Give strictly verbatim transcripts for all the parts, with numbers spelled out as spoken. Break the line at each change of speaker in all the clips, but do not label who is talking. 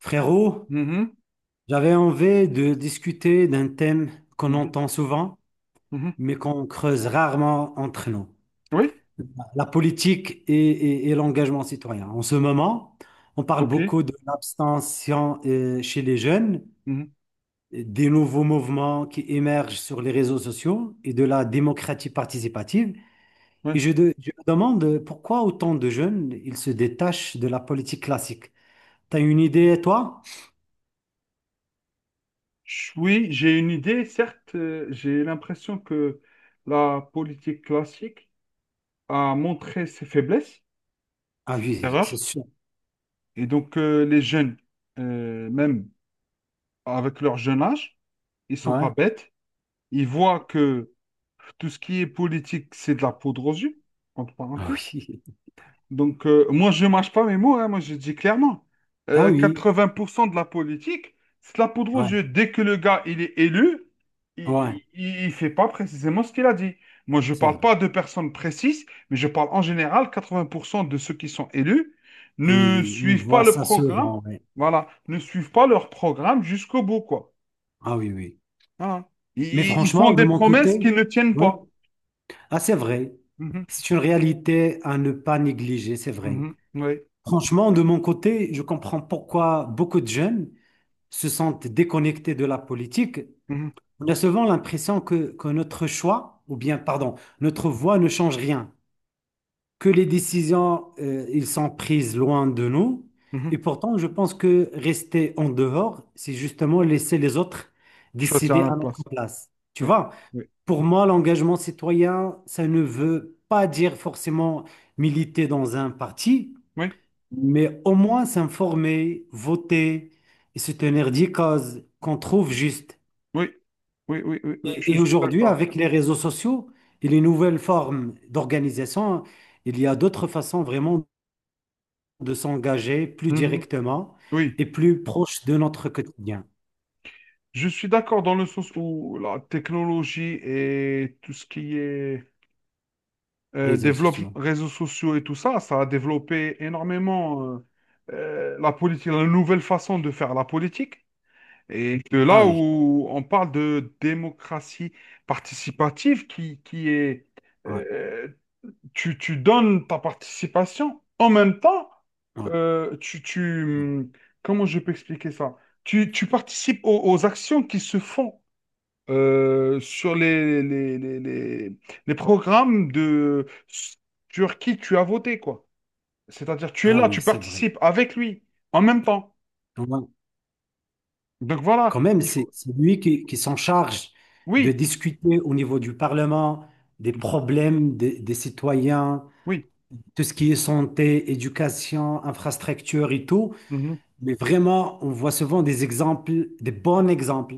Frérot,
Mhm,
j'avais envie de discuter d'un thème qu'on
mhm,
entend souvent,
mhm.
mais qu'on creuse rarement entre nous.
Oui,
La politique et, et- et l'engagement citoyen. En ce moment, on parle
ok.
beaucoup de l'abstention euh, chez les jeunes,
Mhm,
des nouveaux mouvements qui émergent sur les réseaux sociaux et de la démocratie participative. Et
ouais.
je, de- je me demande pourquoi autant de jeunes, ils se détachent de la politique classique. T'as une
Mhm.
idée, toi?
Je- Oui, j'ai une idée. Certes, euh, j'ai l'impression que la politique classique a montré ses faiblesses,
Ah
ses
oui, c'est
erreurs.
sûr.
Et donc, euh, les jeunes, euh, même avec leur jeune âge, ils sont pas
Ouais.
bêtes. Ils voient que tout ce qui est politique, c'est de la poudre aux yeux, entre
Ah
parenthèses.
oui.
Donc, euh, moi, je mâche pas mes mots, hein, moi, je dis clairement.
Ah
Euh,
oui, oui.
quatre-vingts pour cent de la politique, c'est de la poudre aux
Ouais,
yeux. Dès que le gars, il est élu,
ouais,
il ne fait pas précisément ce qu'il a dit. Moi, je ne
ça va.
parle pas de personnes précises, mais je parle en général, quatre-vingts pour cent de ceux qui sont élus ne
Oui, on
suivent pas
voit
le
ça
programme,
souvent, ouais.
voilà, ne suivent pas leur programme jusqu'au bout, quoi.
Ah oui, oui.
Voilà.
Mais
Ils, ils font
franchement, de
des
mon
promesses
côté,
qu'ils ne tiennent
ouais,
pas.
ah, c'est vrai.
Mhm,
C'est une réalité à ne pas négliger, c'est vrai.
mhm, oui,
Franchement, de mon côté, je comprends pourquoi beaucoup de jeunes se sentent déconnectés de la politique.
mhm,
On a souvent l'impression que, que notre choix, ou bien, pardon, notre voix ne change rien. Que les décisions, euh, ils sont prises loin de nous. Et
mhm.
pourtant, je pense que rester en dehors, c'est justement laisser les autres
Choisir à
décider à
notre
notre
place.
place. Tu
Oui,
vois,
oui,
pour moi, l'engagement citoyen, ça ne veut pas dire forcément militer dans un parti,
oui.
mais au moins s'informer, voter et se tenir des causes qu'on trouve justes.
Oui, oui, oui, oui, oui,
Et,
je
et
suis
aujourd'hui,
d'accord.
avec les réseaux sociaux et les nouvelles formes d'organisation, il y a d'autres façons vraiment de s'engager plus
Mhm.
directement
Oui,
et plus proche de notre quotidien,
je suis d'accord dans le sens où la technologie et tout ce qui est euh,
réseaux
développe
sociaux.
réseaux sociaux et tout ça, ça a développé énormément euh, euh, la politique, la nouvelle façon de faire la politique. Et de
Ah
là
oui,
où on parle de démocratie participative qui, qui est
ouais,
euh, tu, tu donnes ta participation, en même temps,
ouais,
euh, tu, tu,
ouais.
hum, comment je peux expliquer ça? Tu, tu participes aux, aux actions qui se font euh, sur les, les, les, les, les programmes de, sur qui tu as voté, quoi. C'est-à-dire, tu es
Ah
là,
oui,
tu
c'est vrai.
participes avec lui, en même temps.
Ouais.
Donc voilà,
Quand même,
il
c'est
faut...
c'est lui qui, qui s'en charge de
Oui,
discuter au niveau du Parlement des problèmes des, des citoyens,
oui,
tout ce qui est santé, éducation, infrastructure et tout.
mhm,
Mais vraiment, on voit souvent des exemples, des bons exemples.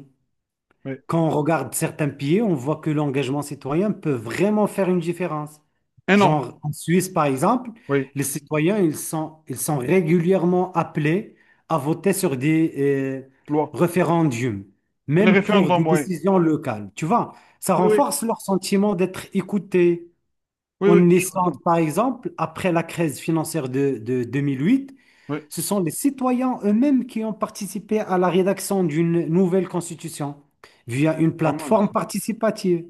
oui.
Quand on regarde certains pays, on voit que l'engagement citoyen peut vraiment faire une différence.
Énorme,
Genre en Suisse, par exemple,
oui,
les citoyens, ils sont, ils sont régulièrement appelés à voter sur des euh,
loi.
référendums,
Les
même pour des
référendums, oui.
décisions locales. Tu vois, ça
Oui, oui,
renforce leur sentiment d'être écoutés.
oui, oui,
En
je suis
Islande,
content.
par exemple, après la crise financière de, de deux mille huit,
Oui, c'est
ce sont les citoyens eux-mêmes qui ont participé à la rédaction d'une nouvelle constitution via une
pas mal,
plateforme
ça.
participative.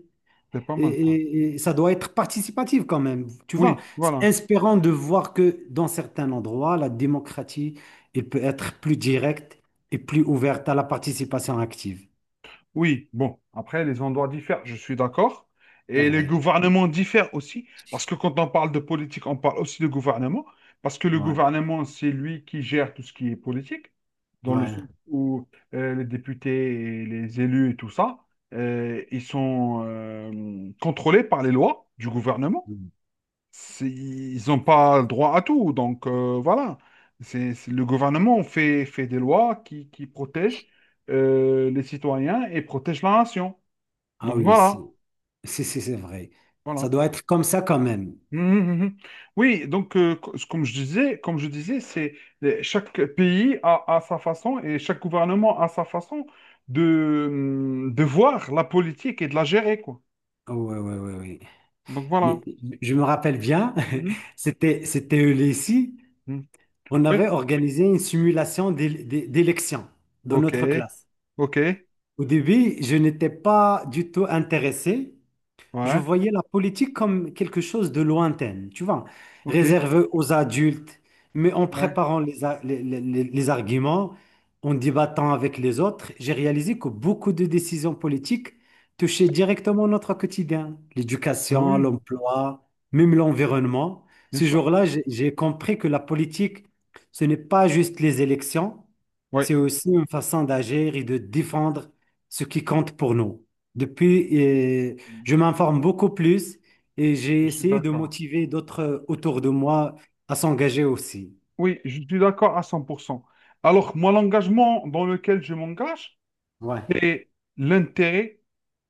C'est pas
Et,
mal, ça.
et- et ça doit être participatif quand même, tu vois.
Oui,
C'est
voilà.
inspirant de voir que dans certains endroits, la démocratie, elle peut être plus directe et plus ouverte à la participation active.
Oui, bon, après, les endroits diffèrent, je suis d'accord.
C'est
Et les
vrai.
gouvernements diffèrent aussi, parce que quand on parle de politique, on parle aussi de gouvernement, parce que le
Ouais.
gouvernement, c'est lui qui gère tout ce qui est politique, dans le sens
Ouais.
où euh, les députés, et les élus et tout ça, euh, ils sont euh, contrôlés par les lois du gouvernement.
Mm.
C'est- ils n'ont pas droit à tout. Donc euh, voilà, c'est, c'est- le gouvernement fait, fait des lois qui, qui protègent euh, les citoyens et protègent la nation.
Ah
Donc
oui, c'est
voilà,
c'est- c'est- c'est vrai. Ça
voilà.
doit être comme ça quand même.
Mhm, mhm. Oui, donc euh, co- comme je disais, comme je disais, c'est les- chaque pays a, a sa façon et chaque gouvernement a sa façon de, hum, de voir la politique et de la gérer, quoi.
Oui, oui, oui.
Donc
Mais
voilà.
je me rappelle bien,
Mhm,
c'était c'était au lycée,
mhm.
on
Oui,
avait organisé une simulation d'éle- d'é- d'élection dans
ok,
notre classe.
ok,
Au début, je n'étais pas du tout intéressé, je
ouais,
voyais la politique comme quelque chose de lointain, tu vois,
ok.
réservé aux adultes, mais en
Ouais.
préparant les, a- les, les- les- les arguments, en débattant avec les autres, j'ai réalisé que beaucoup de décisions politiques touchaient directement notre quotidien,
Oui,
l'éducation,
oui,
l'emploi, même l'environnement.
bien
Ce
sûr.
jour-là, j'ai j'ai compris que la politique, ce n'est pas juste les élections,
Oui,
c'est aussi une façon d'agir et de défendre ce qui compte pour nous. Depuis, euh, je m'informe beaucoup plus et
je
j'ai
suis
essayé de
d'accord.
motiver d'autres autour de moi à s'engager aussi.
Oui, je suis d'accord à cent pour cent. Alors, moi, l'engagement dans lequel je m'engage,
Ouais.
c'est l'intérêt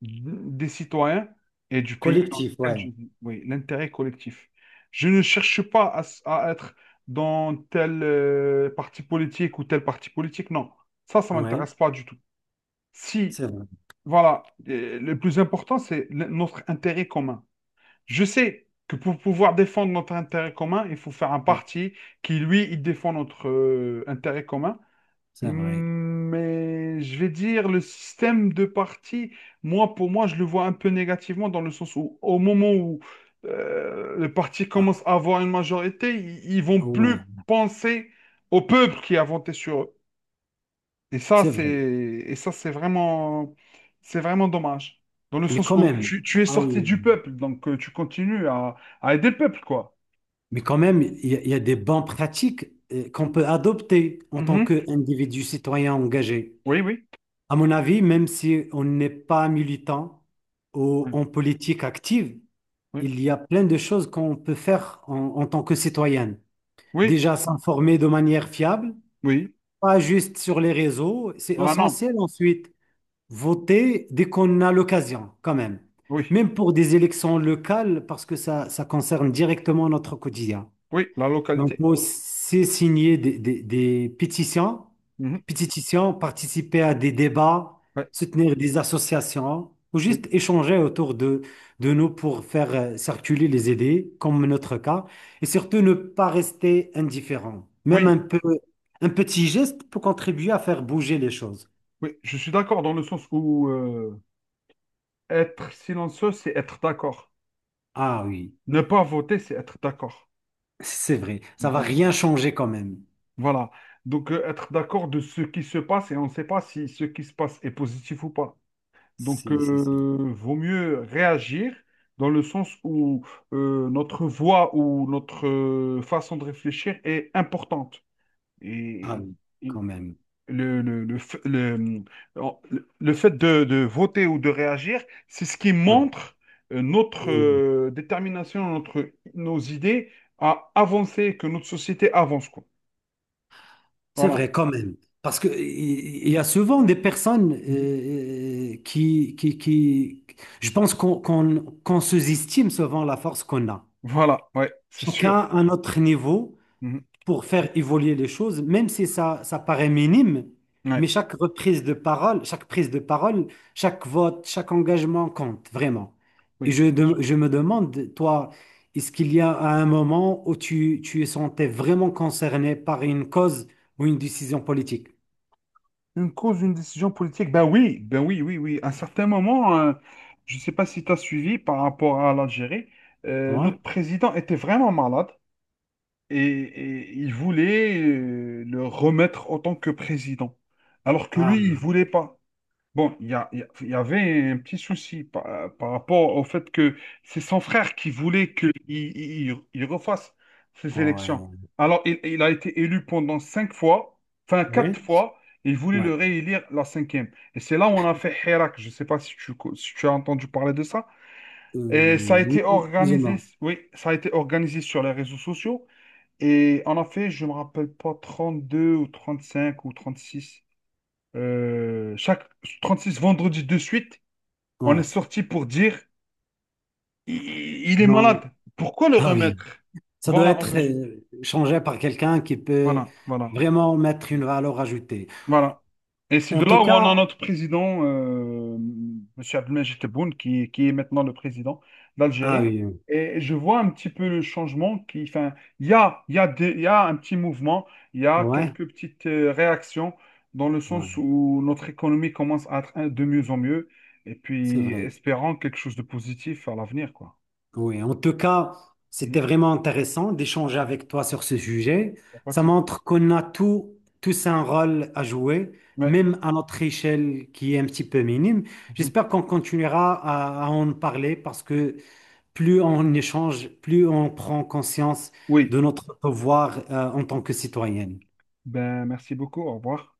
des citoyens et du pays dans
Collectif,
lequel
ouais.
je vis. Oui, l'intérêt collectif. Je ne cherche pas à, s- À être dans tel euh, parti politique ou tel parti politique. Non, ça, ça
Ouais,
m'intéresse pas du tout. Si,
c'est vrai.
voilà, euh, le plus important, c'est le- notre intérêt commun. Je sais que pour pouvoir défendre notre intérêt commun, il faut faire un
Ouais,
parti qui, lui, il défend notre euh, intérêt commun. Hum,
c'est vrai.
Mais je vais dire, le système de parti, moi, pour moi, je le vois un peu négativement dans le sens où, au moment où euh, le parti
Ah,
commence à avoir une majorité, ils, ils vont
ah
plus
ouais,
penser au peuple qui a voté sur eux. Et ça,
c'est
c'est
vrai.
et ça, c'est vraiment c'est vraiment dommage. Dans le
Mais
sens
quand
où
même,
tu, tu es
ah oui.
sorti
Oui,
du
oui.
peuple, donc euh, tu continues à, à aider le peuple, quoi.
Mais quand même, il y, a il y a des bonnes pratiques euh, qu'on
Mm.
peut adopter en tant
Mhm.
qu'individu citoyen engagé.
Oui, oui.
À mon avis, même si on n'est pas militant ou
Oui,
en politique active,
oui,
il y a plein de choses qu'on peut faire en en tant que citoyen.
oui.
Déjà s'informer de manière fiable,
Oui.
pas juste sur les réseaux, c'est
Vraiment.
essentiel ensuite. Voter dès qu'on a l'occasion, quand même.
Oui,
Même pour des élections locales, parce que ça, ça concerne directement notre quotidien.
oui, la
Donc,
localité.
moi, c'est signer des, des, des pétitions,
Mhm.
pétitions, participer à des débats,
Ouais.
soutenir des associations, ou
Oui,
juste échanger autour de, de nous pour faire euh, circuler les idées, comme notre cas, et surtout ne pas rester indifférent. Même un
oui,
peu, un petit geste peut contribuer à faire bouger les choses.
oui. Je suis d'accord dans le sens où euh, être silencieux, c'est être d'accord.
Ah oui,
Ne pas voter, c'est être d'accord.
c'est vrai, ça va
Donc,
rien changer quand même.
voilà. Donc, euh, être d'accord de ce qui se passe et on ne sait pas si ce qui se passe est positif ou pas. Donc,
Si, si, si.
euh, vaut mieux réagir dans le sens où euh, notre voix ou notre euh, façon de réfléchir est importante.
Ah
Et,
oui,
et
quand même.
le, le, le, f- le- euh, le fait de, de voter ou de réagir, c'est ce qui
Ouais.
montre euh, notre
Oui, oui.
euh, détermination, notre, nos idées à avancer, que notre société avance, quoi.
C'est
Voilà.
vrai quand même. Parce que il il y a souvent des personnes
Mhm.
euh, euh, qui, qui, qui... Je pense qu'on qu'on, qu'on sous-estime souvent la force qu'on a.
Voilà, ouais, c'est sûr.
Chacun à notre niveau
Mhm.
pour faire évoluer les choses, même si ça, ça paraît minime, mais
Ouais,
chaque reprise de parole, chaque prise de parole, chaque vote, chaque engagement compte, vraiment. Et
oui,
je,
bien
de-
sûr.
je me demande, toi, est-ce qu'il y a un moment où tu, tu es sentais vraiment concerné par une cause ou une décision politique?
Une cause, une décision politique? Ben oui, ben oui, oui, oui. À un certain moment, euh, je ne sais pas si tu as suivi par rapport à l'Algérie, euh, notre
Ouais.
président était vraiment malade et, et il voulait euh, le remettre en tant que président. Alors que lui, il
Ah,
voulait pas. Bon, il y a- il y a- il y avait un petit souci par, par rapport au fait que c'est son frère qui voulait qu'il il, il- il refasse ces élections.
ouais.
Alors, il, il a été élu pendant cinq fois, enfin
Oui.
quatre fois, il voulait le
Ouais.
réélire la cinquième. Et c'est là où on a fait Hirak. Je ne sais pas si tu, co- si tu as entendu parler de ça. Et ça a
Euh, oui,
été
plus ou
organisé,
moins.
oui, ça a été organisé sur les réseaux sociaux. Et on a fait, je ne me rappelle pas, trente-deux ou trente-cinq ou trente-six. Euh, chaque six vendredis de suite, on est
Ouais.
sorti pour dire il, il est
Non.
malade. Pourquoi le
Ah oui.
remettre?
Ça doit
Voilà, en
être
résumé.
euh, changé par quelqu'un qui peut
Voilà, voilà.
vraiment mettre une valeur ajoutée.
Voilà. Et c'est
En
de
tout
là où on a
cas,
notre président, euh, Monsieur Abdelmajid Tebboune, qui, qui est maintenant le président
ah
d'Algérie.
oui.
Et je vois un petit peu le changement qui, enfin, il y a, il y a des- il y a un petit mouvement, il y a
Ouais.
quelques petites euh, réactions dans le sens
Ouais.
où notre économie commence à être hein, de mieux en mieux. Et
C'est
puis,
vrai.
espérant quelque chose de positif à l'avenir, quoi.
Oui. En tout cas, c'était
Mhm.
vraiment intéressant d'échanger avec toi sur ce sujet.
Y a pas de
Ça
souci.
montre qu'on a tout, tous un rôle à jouer,
Ouais.
même à notre échelle qui est un petit peu minime.
Mhm.
J'espère qu'on continuera à, à en parler parce que plus on échange, plus on prend conscience
Oui.
de notre devoir euh, en tant que citoyenne.
Ben, merci beaucoup. Au revoir.